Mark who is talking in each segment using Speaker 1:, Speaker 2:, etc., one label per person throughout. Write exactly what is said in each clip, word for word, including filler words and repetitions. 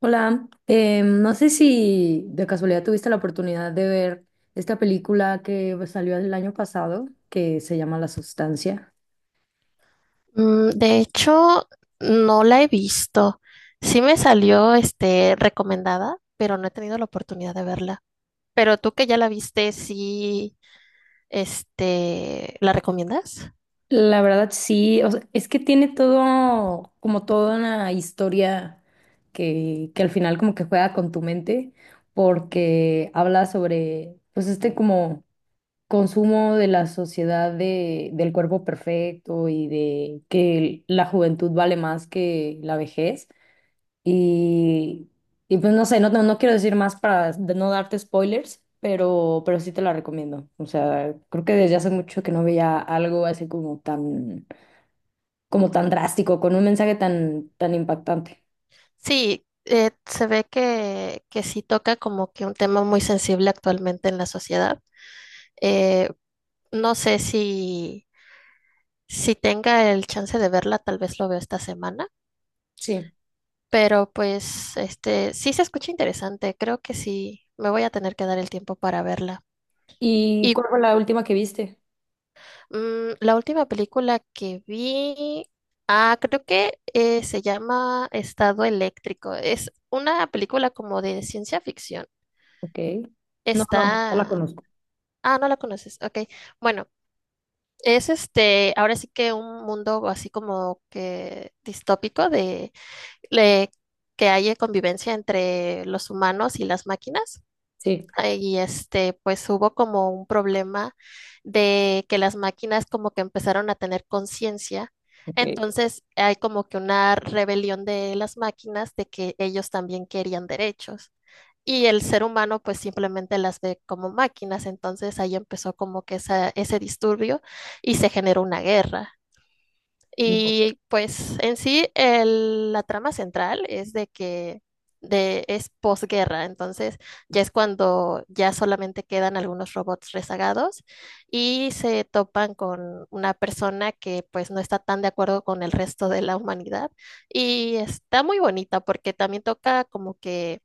Speaker 1: Hola, eh, no sé si de casualidad tuviste la oportunidad de ver esta película que pues, salió el año pasado, que se llama La Sustancia.
Speaker 2: Mm, de hecho, no la he visto. Sí me salió, este, recomendada, pero no he tenido la oportunidad de verla. Pero tú que ya la viste, sí, este, ¿la recomiendas?
Speaker 1: La verdad sí, o sea, es que tiene todo, como toda una historia que, que al final como que juega con tu mente, porque habla sobre pues este como consumo de la sociedad de, del cuerpo perfecto y de que la juventud vale más que la vejez. Y, y pues no sé, no, no, no quiero decir más para de no darte spoilers, pero, pero sí te la recomiendo. O sea, creo que desde hace mucho que no veía algo así como tan, como tan drástico, con un mensaje tan, tan impactante.
Speaker 2: Sí, eh, se ve que, que sí toca como que un tema muy sensible actualmente en la sociedad. Eh, no sé si, si tenga el chance de verla, tal vez lo veo esta semana.
Speaker 1: Sí.
Speaker 2: Pero pues, este, sí se escucha interesante. Creo que sí, me voy a tener que dar el tiempo para verla.
Speaker 1: ¿Y
Speaker 2: Y
Speaker 1: cuál fue la última que viste?
Speaker 2: mm, la última película que vi, ah, creo que eh, se llama Estado Eléctrico. Es una película como de ciencia ficción.
Speaker 1: Ok. No, no, no la
Speaker 2: Está,
Speaker 1: conozco.
Speaker 2: ah, no la conoces. Ok, bueno, es este, ahora sí que un mundo así como que distópico de, le- que haya convivencia entre los humanos y las máquinas.
Speaker 1: Sí,
Speaker 2: eh, Y este, pues hubo como un problema de que las máquinas como que empezaron a tener conciencia.
Speaker 1: ok.
Speaker 2: Entonces hay como que una rebelión de las máquinas de que ellos también querían derechos. Y el ser humano pues simplemente las ve como máquinas. Entonces ahí empezó como que esa, ese disturbio y se generó una guerra.
Speaker 1: No,
Speaker 2: Y pues en sí el- la trama central es de que de, es posguerra, entonces ya es cuando ya solamente quedan algunos robots rezagados y se topan con una persona que pues no está tan de acuerdo con el resto de la humanidad y está muy bonita porque también toca como que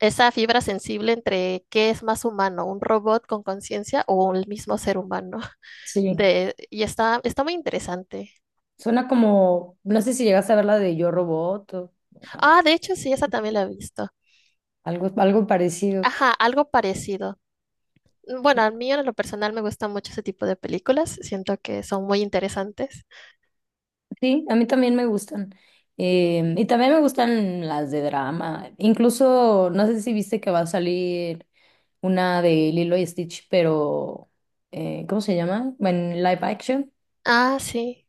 Speaker 2: esa fibra sensible entre qué es más humano, un robot con conciencia o el mismo ser humano
Speaker 1: sí.
Speaker 2: de, y está, está muy interesante.
Speaker 1: Suena como, no sé si llegaste a ver la de Yo Robot o
Speaker 2: Ah, de hecho, sí, esa también la he visto.
Speaker 1: algo, algo parecido.
Speaker 2: Ajá, algo parecido. Bueno, a mí en lo personal me gusta mucho ese tipo de películas. Siento que son muy interesantes.
Speaker 1: Sí, a mí también me gustan. Eh, y también me gustan las de drama. Incluso, no sé si viste que va a salir una de Lilo y Stitch, pero eh, ¿cómo se llama? Bueno, en live action.
Speaker 2: Ah, sí.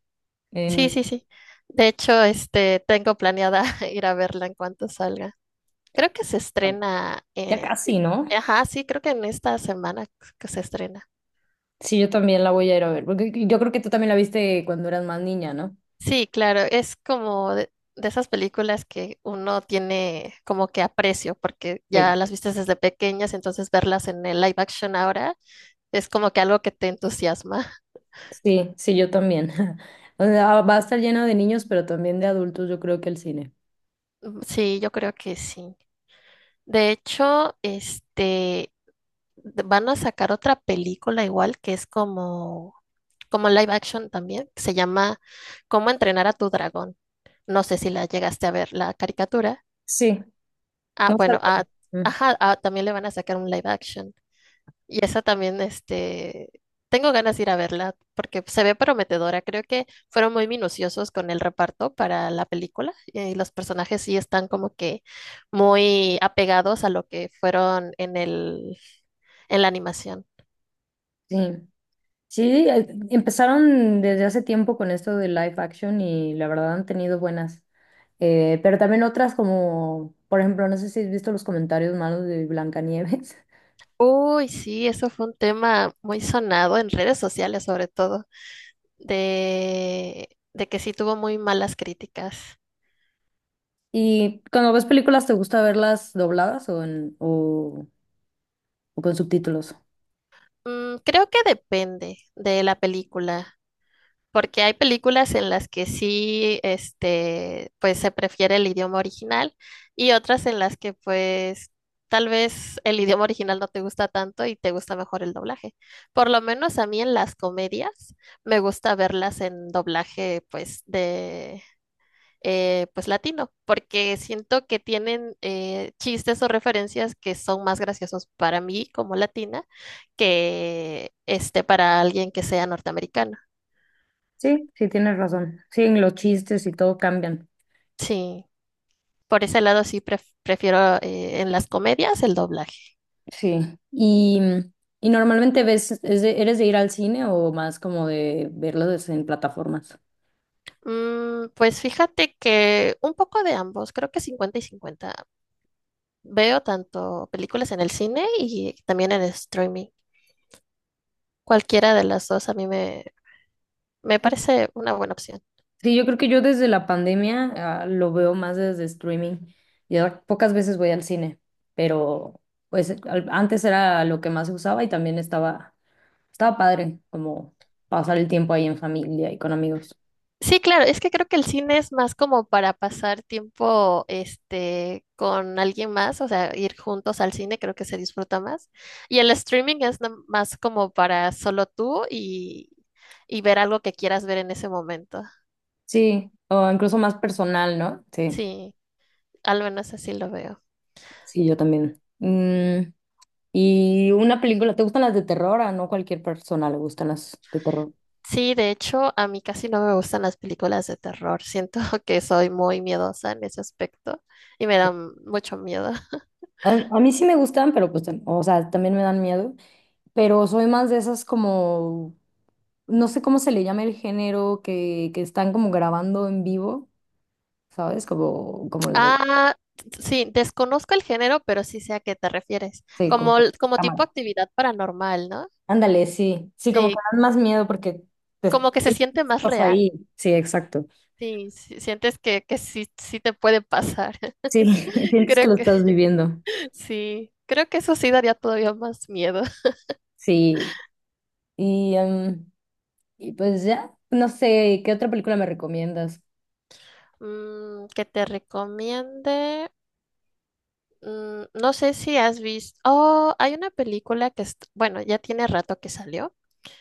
Speaker 2: Sí,
Speaker 1: En,
Speaker 2: sí, sí. De hecho, este, tengo planeada ir a verla en cuanto salga. Creo que se estrena.
Speaker 1: ya
Speaker 2: eh,
Speaker 1: casi, ¿no?
Speaker 2: Ajá, sí, creo que en esta semana que se estrena.
Speaker 1: Sí, yo también la voy a ir a ver, porque yo creo que tú también la viste cuando eras más niña, ¿no?
Speaker 2: Sí, claro, es como de, de esas películas que uno tiene como que aprecio, porque
Speaker 1: Sí.
Speaker 2: ya las viste desde pequeñas, entonces verlas en el live action ahora. Es como que algo que te entusiasma.
Speaker 1: Sí, sí, yo también. O sea, va a estar lleno de niños, pero también de adultos, yo creo que el cine.
Speaker 2: Sí, yo creo que sí. De hecho, este, de- van a sacar otra película igual que es como, como live action también, que se llama ¿Cómo entrenar a tu dragón? No sé si la llegaste a ver, la caricatura.
Speaker 1: Sí,
Speaker 2: Ah,
Speaker 1: no
Speaker 2: bueno, ah,
Speaker 1: sabía. Mm,
Speaker 2: ajá, ah, también le van a sacar un live action. Y esa también, este, tengo ganas de ir a verla porque se ve prometedora. Creo que fueron muy minuciosos con el reparto para la película eh, y los personajes sí están como que muy apegados a lo que fueron en el, en la animación.
Speaker 1: sí. Sí, eh, empezaron desde hace tiempo con esto de live action y la verdad han tenido buenas. Eh, pero también otras como, por ejemplo, no sé si has visto los comentarios malos de Blancanieves.
Speaker 2: Uy, sí, eso fue un tema muy sonado en redes sociales sobre todo, de, de que sí tuvo muy malas críticas.
Speaker 1: Y cuando ves películas, ¿te gusta verlas dobladas o, en, o, o con subtítulos?
Speaker 2: Mm, creo que depende de la película. Porque hay películas en las que sí, este, pues se prefiere el idioma original y otras en las que pues tal vez el idioma original no te gusta tanto y te gusta mejor el doblaje. Por lo menos a mí en las comedias me gusta verlas en doblaje pues de eh, pues latino, porque siento que tienen eh, chistes o referencias que son más graciosos para mí como latina que este para alguien que sea norteamericano.
Speaker 1: Sí, sí, tienes razón. Sí, los chistes y todo cambian.
Speaker 2: Sí. Por ese lado sí pref- prefiero eh, en las comedias el doblaje.
Speaker 1: Sí. Y, y normalmente ves, es de- ¿eres de ir al cine o más como de verlos en plataformas?
Speaker 2: Mm, pues fíjate que un poco de ambos, creo que cincuenta y cincuenta. Veo tanto películas en el cine y también en streaming. Cualquiera de las dos a mí me, me parece una buena opción.
Speaker 1: Sí, yo creo que yo desde la pandemia, ah, lo veo más desde streaming. Ya pocas veces voy al cine, pero pues al- antes era lo que más se usaba y también estaba, estaba padre como pasar el tiempo ahí en familia y con amigos.
Speaker 2: Sí, claro, es que creo que el cine es más como para pasar tiempo, este, con alguien más, o sea, ir juntos al cine, creo que se disfruta más. Y el streaming es nam- más como para solo tú y, y ver algo que quieras ver en ese momento.
Speaker 1: Sí, o incluso más personal, ¿no? Sí,
Speaker 2: Sí, al menos así lo veo.
Speaker 1: sí, yo también. Mm, y una película, ¿te gustan las de terror? A no cualquier persona le gustan las de terror.
Speaker 2: Sí, de hecho, a mí casi no me gustan las películas de terror. Siento que soy muy miedosa en ese aspecto y me dan mucho miedo.
Speaker 1: A, a mí sí me gustan, pero pues, tam- o sea, también me dan miedo, pero soy más de esas como no sé cómo se le llama el género que, que están como grabando en vivo, ¿sabes? Como, como la,
Speaker 2: Ah, sí, desconozco el género, pero sí sé a qué te refieres.
Speaker 1: sí, como
Speaker 2: Como,
Speaker 1: por
Speaker 2: el- como tipo
Speaker 1: cámara.
Speaker 2: actividad paranormal, ¿no?
Speaker 1: Ándale, sí, sí, como que
Speaker 2: Sí,
Speaker 1: dan más miedo porque te
Speaker 2: como que se
Speaker 1: sientes que
Speaker 2: siente más
Speaker 1: estás ahí.
Speaker 2: real.
Speaker 1: Sí, exacto.
Speaker 2: Sí, sí, sientes que, que sí, sí te puede pasar.
Speaker 1: Sí, sientes que
Speaker 2: Creo
Speaker 1: lo estás
Speaker 2: que
Speaker 1: viviendo.
Speaker 2: sí, creo que eso sí daría todavía más miedo.
Speaker 1: Sí, y, em, y pues ya, no sé, ¿qué otra película me recomiendas?
Speaker 2: Mm, que te recomiende. Mm, no sé si has visto. Oh, hay una película que, est- bueno, ya tiene rato que salió,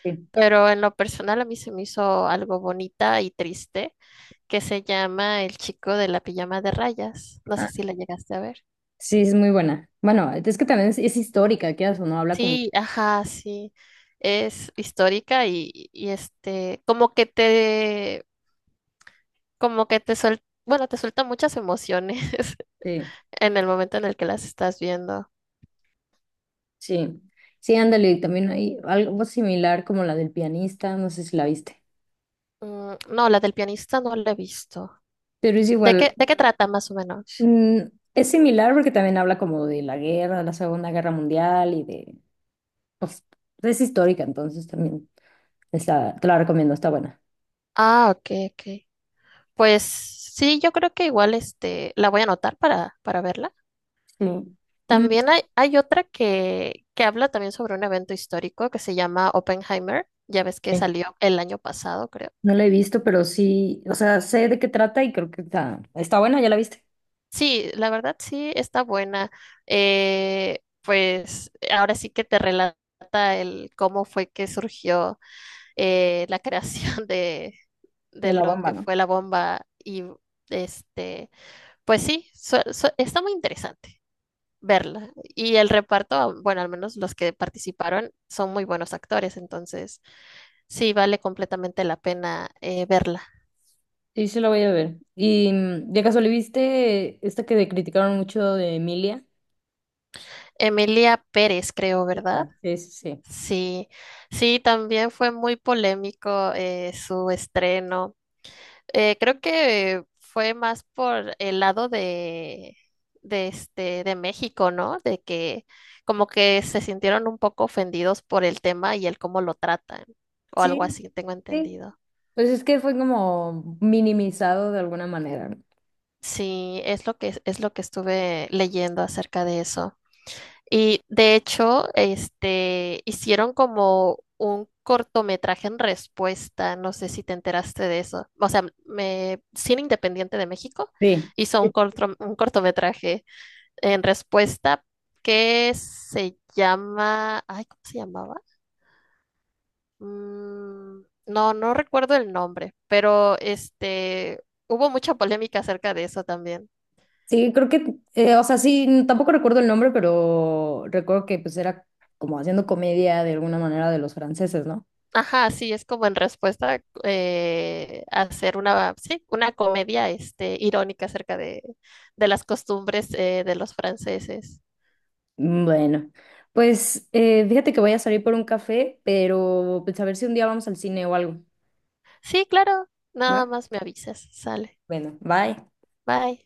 Speaker 1: Sí,
Speaker 2: pero en lo personal a mí se me hizo algo bonita y triste. Que se llama El chico de la pijama de rayas. No sé
Speaker 1: ah,
Speaker 2: si la llegaste a ver.
Speaker 1: sí, es muy buena. Bueno, es que también es, es histórica, quieras o no, habla como
Speaker 2: Sí, ajá, sí. Es histórica y, y, este, como que te, como que te suelta, bueno, te suelta muchas emociones
Speaker 1: sí.
Speaker 2: en el momento en el que las estás viendo.
Speaker 1: Sí, sí, ándale, también hay algo similar como la del pianista, no sé si la viste,
Speaker 2: Mm, no, la del pianista no la he visto.
Speaker 1: pero es
Speaker 2: ¿De
Speaker 1: igual,
Speaker 2: qué, de qué trata más o menos?
Speaker 1: mm, es similar porque también habla como de la guerra, la Segunda Guerra Mundial y de, pues, es histórica, entonces también está, te la recomiendo, está buena.
Speaker 2: Ah, ok, ok. Pues sí, yo creo que igual este, la voy a anotar para, para verla.
Speaker 1: Sí. Mm,
Speaker 2: También hay, hay otra que, que habla también sobre un evento histórico que se llama Oppenheimer. Ya ves que
Speaker 1: sí.
Speaker 2: salió el año pasado, creo.
Speaker 1: No la he visto, pero sí, o sea, sé de qué trata y creo que está, está buena, ya la viste,
Speaker 2: Sí, la verdad sí está buena. Eh, pues ahora sí que te relata el cómo fue que surgió eh, la creación de, de
Speaker 1: de la
Speaker 2: lo
Speaker 1: bomba,
Speaker 2: que
Speaker 1: ¿no?
Speaker 2: fue la bomba. Y este, pues sí, su- su- está muy interesante verla. Y el reparto, bueno, al menos los que participaron son muy buenos actores, entonces. Sí, vale completamente la pena eh, verla.
Speaker 1: Sí, sí la voy a ver. Y mm, de casualidad, ¿viste esta que criticaron mucho de Emilia?
Speaker 2: Emilia Pérez, creo, ¿verdad?
Speaker 1: Esta, sí, sí, sí.
Speaker 2: Sí, sí, también fue muy polémico eh, su estreno. Eh, creo que fue más por el lado de, de este, de México, ¿no? De que como que se sintieron un poco ofendidos por el tema y el cómo lo tratan, o algo
Speaker 1: Sí,
Speaker 2: así, tengo
Speaker 1: sí,
Speaker 2: entendido.
Speaker 1: pues es que fue como minimizado de alguna manera.
Speaker 2: Sí, es lo que, es lo que estuve leyendo acerca de eso. Y de hecho, este, hicieron como un cortometraje en respuesta, no sé si te enteraste de eso. O sea, me, Cine Independiente de México
Speaker 1: Sí.
Speaker 2: hizo un corto- un cortometraje en respuesta que se llama, ay, ¿cómo se llamaba? Mm, no, no recuerdo el nombre, pero este, hubo mucha polémica acerca de eso también.
Speaker 1: Sí, creo que, eh, o sea, sí, tampoco recuerdo el nombre, pero recuerdo que pues era como haciendo comedia de alguna manera de los franceses, ¿no?
Speaker 2: Ajá, sí, es como en respuesta eh, hacer una, sí, una comedia este, irónica acerca de, de las costumbres eh, de los franceses.
Speaker 1: Mm, bueno, pues eh, fíjate que voy a salir por un café, pero pues a ver si un día vamos al cine o algo,
Speaker 2: Sí, claro, nada
Speaker 1: ¿va?
Speaker 2: más me avisas, sale.
Speaker 1: Bueno, bye.
Speaker 2: Bye.